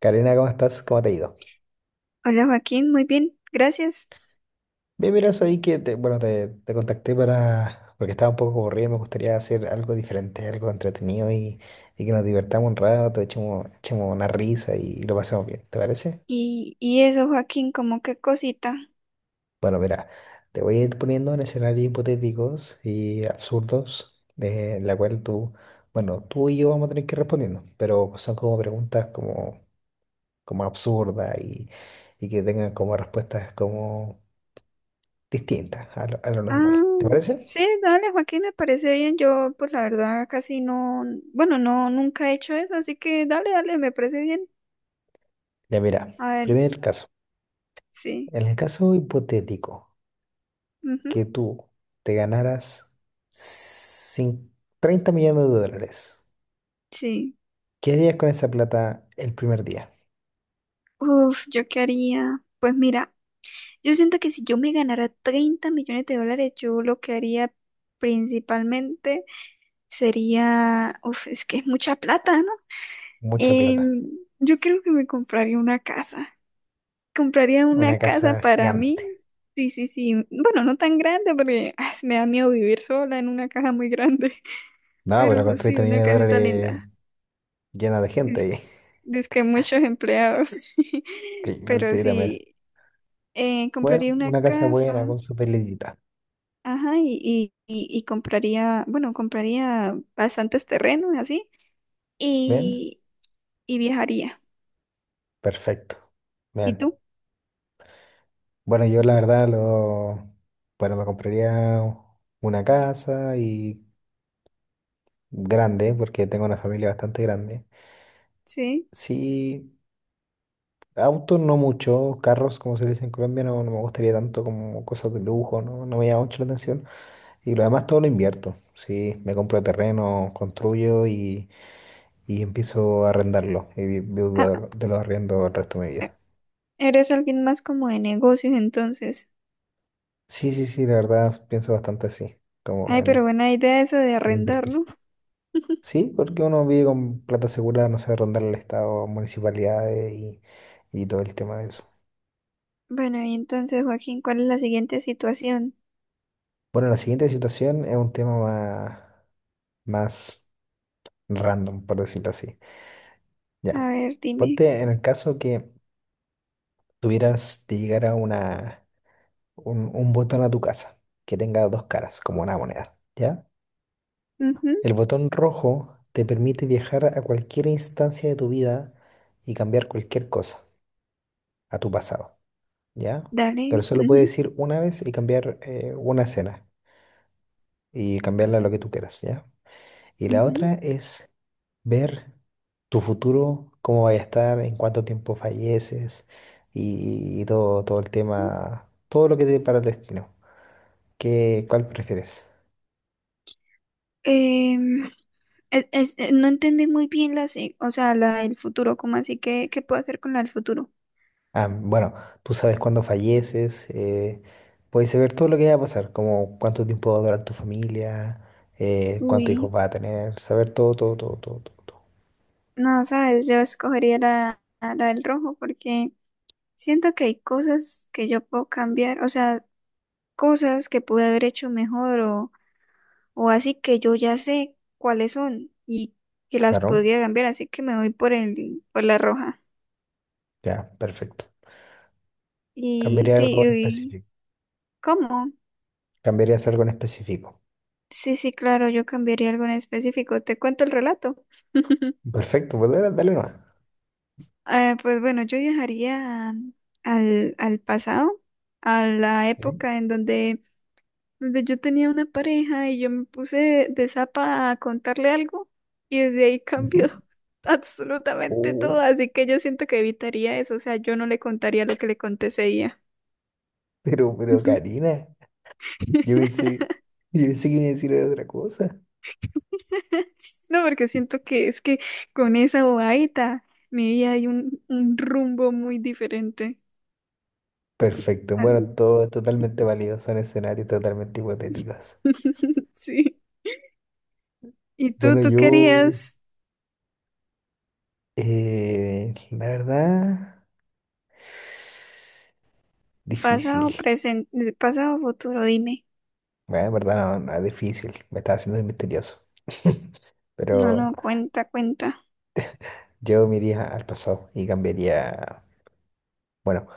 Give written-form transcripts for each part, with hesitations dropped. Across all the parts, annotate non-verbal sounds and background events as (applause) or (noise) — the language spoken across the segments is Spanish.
Karina, ¿cómo estás? ¿Cómo te ha ido? Hola Joaquín, muy bien, gracias. Bien, mira, bueno, te contacté porque estaba un poco aburrido y me gustaría hacer algo diferente, algo entretenido y, que nos divertamos un rato, echemos una risa y lo pasemos bien, ¿te parece? Y eso, Joaquín, como qué cosita. Bueno, mira, te voy a ir poniendo en escenarios hipotéticos y absurdos, de la cual bueno, tú y yo vamos a tener que ir respondiendo, pero son como preguntas como absurdas y, que tengan como respuestas como distintas a lo normal, Ah, ¿te parece? sí, dale, Joaquín, me parece bien. Yo, pues la verdad, casi no, bueno, no, nunca he hecho eso, así que dale, dale, me parece bien. Ya mira, A ver, primer caso. sí, En el caso hipotético ujú, que tú te ganaras cin- 30 millones de dólares, sí. ¿qué harías con esa plata el primer día? Uf, ¿yo qué haría? Pues mira, yo siento que si yo me ganara 30 millones de dólares, yo lo que haría principalmente sería, uf, es que es mucha plata, ¿no? Mucha plata. Em, yo creo que me compraría una casa. Compraría una Una casa casa para mí. gigante. Sí, sí, sí. Bueno, no tan grande porque ah, me da miedo vivir sola en una casa muy grande. (laughs) No, pero Pero con sí, 30 una millones de casita dólares linda. llena de gente Es, ahí. (laughs) es que muchos empleados. (laughs) Cl- Pero Sí, también. sí, Bueno, compraría una una casa buena casa. con su pelillita. Ajá, y compraría, bueno, compraría bastantes terrenos así. ¿Bien? Y, y viajaría. Perfecto. ¿Y Bien. tú? Bueno, yo la verdad lo... Bueno, me compraría una casa y grande, porque tengo una familia bastante grande. Sí. Sí, autos no mucho, carros, como se le dice en Colombia, no, no me gustaría tanto como cosas de lujo, no, no me llama mucho la atención. Y lo demás todo lo invierto, sí, me compro terreno, construyo y empiezo a arrendarlo y vivo Ah, de los arriendos el resto de mi vida. eres alguien más como de negocios entonces. Sí, sí, sí, la verdad pienso bastante así, como Ay, pero en, buena idea eso de en arrendar, invertir. ¿no? Sí, porque uno vive con plata segura, no sé, rondar el Estado, municipalidades y todo el tema de eso. Bueno, y entonces, Joaquín, ¿cuál es la siguiente situación? Bueno, la siguiente situación es un tema más random, por decirlo así. Ya, A ver, dime. ponte en el caso que tuvieras de llegar a un botón a tu casa que tenga dos caras, como una moneda, ¿ya? Ujú, El botón rojo te permite viajar a cualquier instancia de tu vida y cambiar cualquier cosa a tu pasado, ¿ya? dale. Pero solo Ujú, puedes ir una vez y cambiar una escena y cambiarla a lo que tú quieras, ¿ya? Y la ujú. otra es ver tu futuro, cómo vaya a estar, en cuánto tiempo falleces y todo, todo el tema, todo lo que te depara el destino. ¿Qué, cuál prefieres? Em, no entendí muy bien la, se- o sea, la del futuro, ¿cómo así? ¿Qué, qué puedo hacer con la del futuro? Ah, bueno, tú sabes cuándo falleces, puedes saber todo lo que va a pasar, como cuánto tiempo va a durar tu familia, cuántos Uy, hijos va a tener, saber todo, todo, todo, todo, todo, todo. no, sabes, yo escogería la, la del rojo porque siento que hay cosas que yo puedo cambiar, o sea, cosas que pude haber hecho mejor o así que yo ya sé cuáles son y que las Claro, podría cambiar, así que me voy por el, por la roja. ya, perfecto. Y Cambiaría sí, algo en uy, específico. ¿cómo? Cambiarías algo en específico. Sí, sí, claro, yo cambiaría algo en específico. Te cuento el relato. Perfecto, pues dale, dale nomás. Pues bueno, yo viajaría al, al pasado, a la época en donde, donde yo tenía una pareja y yo me puse de zapa a contarle algo y desde ahí cambió Ujú. (laughs) absolutamente Oh, todo. Así que yo siento que evitaría eso, o sea, yo no le contaría lo que le conté ese día. pero (laughs) Karina, yo pensé, yo pensé que me iba a decir otra cosa. (laughs) No, porque siento que es que con esa bobadita mi vida hay un rumbo muy diferente. Perfecto, bueno, Así. todo es totalmente válido, son escenarios totalmente hipotéticos. (laughs) Sí. ¿Y tú, Bueno, tú yo, querías la verdad, difícil. pasado, presente, pasado, futuro? Dime. Bueno, en verdad no, no es difícil, me estaba haciendo el misterioso. (laughs) No, Pero no, cuenta, cuenta. yo me iría al pasado y cambiaría, bueno,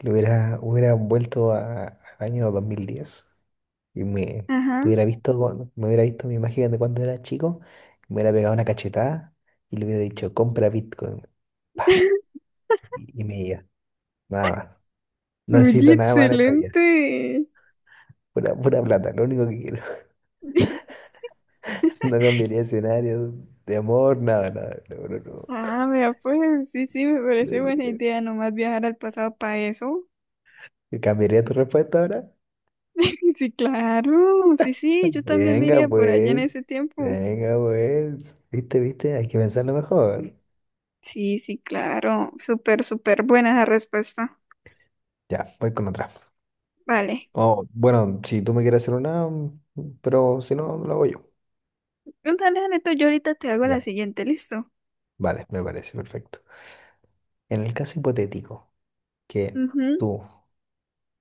lo hubiera vuelto al año 2010. Y Ajá. Me hubiera visto mi imagen de cuando era chico, me hubiera pegado una cachetada y le hubiera dicho, compra Bitcoin. Pa, (laughs) y, me iba, nada más. No Oye, necesito nada más en esta vida. excelente. Pura, pura plata, lo único que quiero. (laughs) (laughs) No cambiaría escenario de amor, nada, nada. No, no, no. Ah, vea, pues sí, sí, me parece buena Le- idea nomás viajar al pasado para eso. ¿Cambiaría tu respuesta ahora? (laughs) Sí, claro. Sí, sí, yo también me Venga, iría por allá en pues. ese tiempo. Venga, pues. ¿Viste, viste? Hay que pensarlo mejor. Sí, sí, claro. Súper, súper buena esa respuesta. Ya, voy con otra. Vale. Oh, bueno, si tú me quieres hacer una, pero si no, lo hago yo. Dale, dale tú. Yo ahorita te hago la Ya. siguiente, ¿listo? Vale, me parece perfecto. En el caso hipotético que Ujú, tú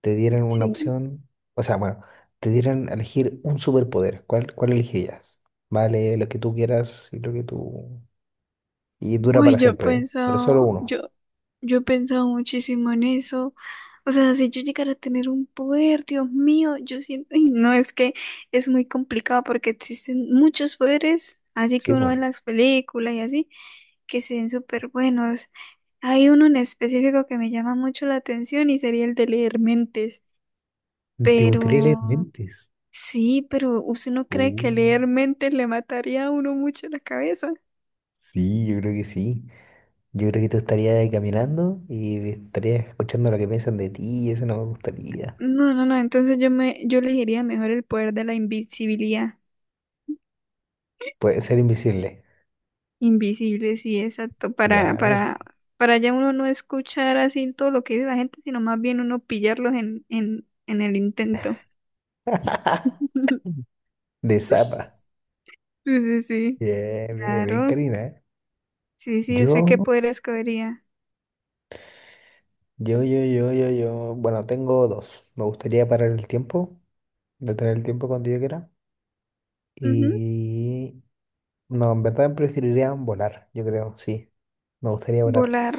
te dieran una sí. opción, o sea, bueno, te dieran a elegir un superpoder, ¿cuál elegirías? Vale, lo que tú quieras y lo que tú... Y dura Uy, para yo he siempre, ¿eh? Pero solo pensado, uno. yo he pensado muchísimo en eso. O sea, si yo llegara a tener un poder, Dios mío, yo siento, y no es que es muy complicado porque existen muchos poderes, así que Sí, uno pues. ve las películas y así, que se ven súper buenos. Hay uno en específico que me llama mucho la atención y sería el de leer mentes. ¿Te gustaría leer Pero mentes? sí, pero ¿usted no cree que Uh, leer mentes le mataría a uno mucho la cabeza? sí, yo creo que sí. Yo creo que tú estarías caminando y estarías escuchando lo que piensan de ti y eso no me gustaría. No, no, no, entonces yo me, yo elegiría mejor el poder de la invisibilidad. Puede ser invisible. Invisible, sí, exacto. Ya, perfecto. Para ya uno no escuchar así todo lo que dice la gente, sino más bien uno pillarlos en el intento. (laughs) De zapa. Sí, sí, sí. Bien, bien, bien, Claro. Karina, ¿eh? Sí, sí, yo Yo, sé qué poder escogería. Bueno, tengo dos. Me gustaría parar el tiempo, detener el tiempo cuando yo quiera. Ujú, Y no, en verdad preferiría volar, yo creo, sí. Me gustaría volar. volar.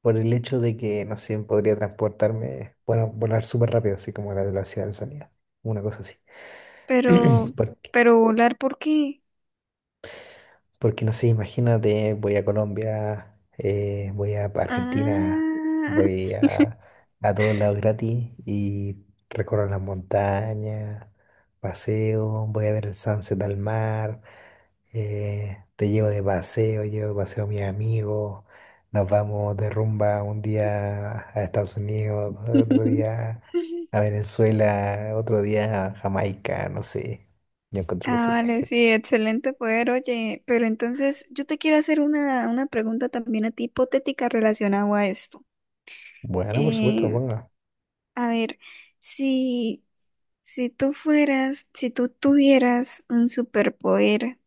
Por el hecho de que, no sé, podría transportarme, bueno, volar súper rápido, así como a la velocidad del sonido. Una cosa así. Pero, (clears throat) Porque pero volar, ¿por qué? Porque no sé, imagínate, voy a Colombia, voy a Argentina, Ah. voy a todos lados gratis y recorro las montañas, paseo, voy a ver el sunset al mar, te llevo de paseo a mis amigos, nos vamos de rumba un día a Estados Unidos, otro (laughs) día a Venezuela, otro día a Jamaica, no sé. Yo encuentro que Ah, sería vale, genial. sí, excelente poder, oye, pero entonces yo te quiero hacer una pregunta también a ti hipotética relacionada a esto. Bueno, por supuesto, Eh, ponga. a ver, si, si tú fueras, si tú tuvieras un superpoder,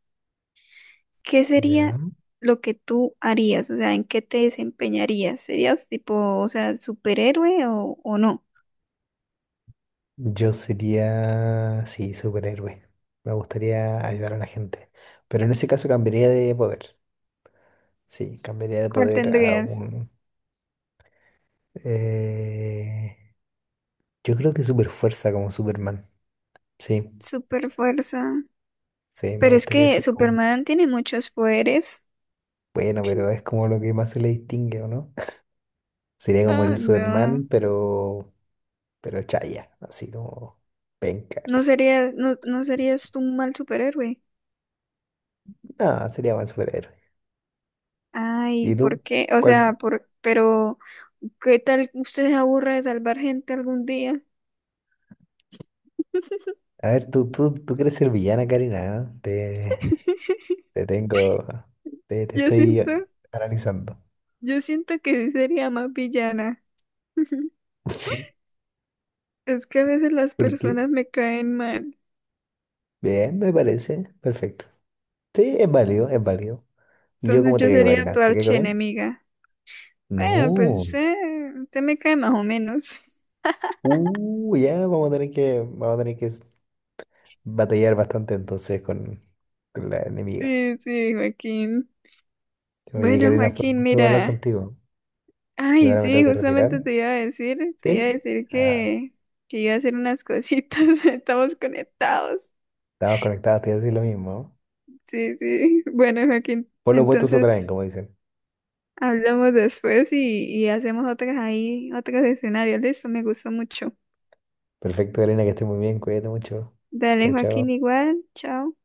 ¿qué sería Ya. lo que tú harías? O sea, ¿en qué te desempeñarías? ¿Serías tipo, o sea, superhéroe o no? Yo sería, sí, superhéroe. Me gustaría ayudar a la gente. Pero en ese caso cambiaría de poder. Sí, cambiaría de ¿Cuál poder a tendrías? un... eh, yo creo que super fuerza como Superman. Sí, ¿Super fuerza? sí, me Pero es gustaría que ser como... Superman tiene muchos poderes. Bueno, pero es como lo que más se le distingue, ¿o no? (laughs) Sería como Ah, el Superman, no. pero... Pero chaya, así como... Penca. No (laughs) serías, no, no serías tú un mal superhéroe. No, sería buen superhéroe. Ay, ¿Y tú? ¿por qué? O ¿Cuál? sea, por, pero ¿qué tal usted se aburra de salvar gente algún día? (laughs) A ver, tú quieres ser villana, Karina, ¿eh? Te tengo, te Yo estoy siento, analizando. yo siento que sí sería más villana. (laughs) Es que a veces las ¿Por qué? personas me caen mal. Bien, me parece. Perfecto. Sí, es válido, es válido. ¿Y yo Entonces cómo te yo caigo, sería Karina? tu ¿Te caigo bien? archienemiga. Bueno, pues No. usted, usted me cae más o menos. (laughs) Ya vamos a tener que, batallar bastante entonces con, la enemiga. Sí, sí, Joaquín. Oye, Bueno, Karina, fue un Joaquín, gusto hablar mira. contigo. Yo Ay, ahora me tengo sí, que justamente retirar. te iba a decir, te iba a ¿Sí? decir Ah, que iba a hacer unas cositas, (laughs) estamos conectados. estamos conectados, te iba a decir lo mismo. Sí, sí. Bueno, Joaquín, Por lo opuestos se atraen, entonces como dicen. hablamos después y hacemos otras ahí, otros escenarios. Listo, me gustó mucho. Perfecto, Karina, que estés muy bien. Cuídate mucho. Dale, Chao, Joaquín, chao. igual, chao.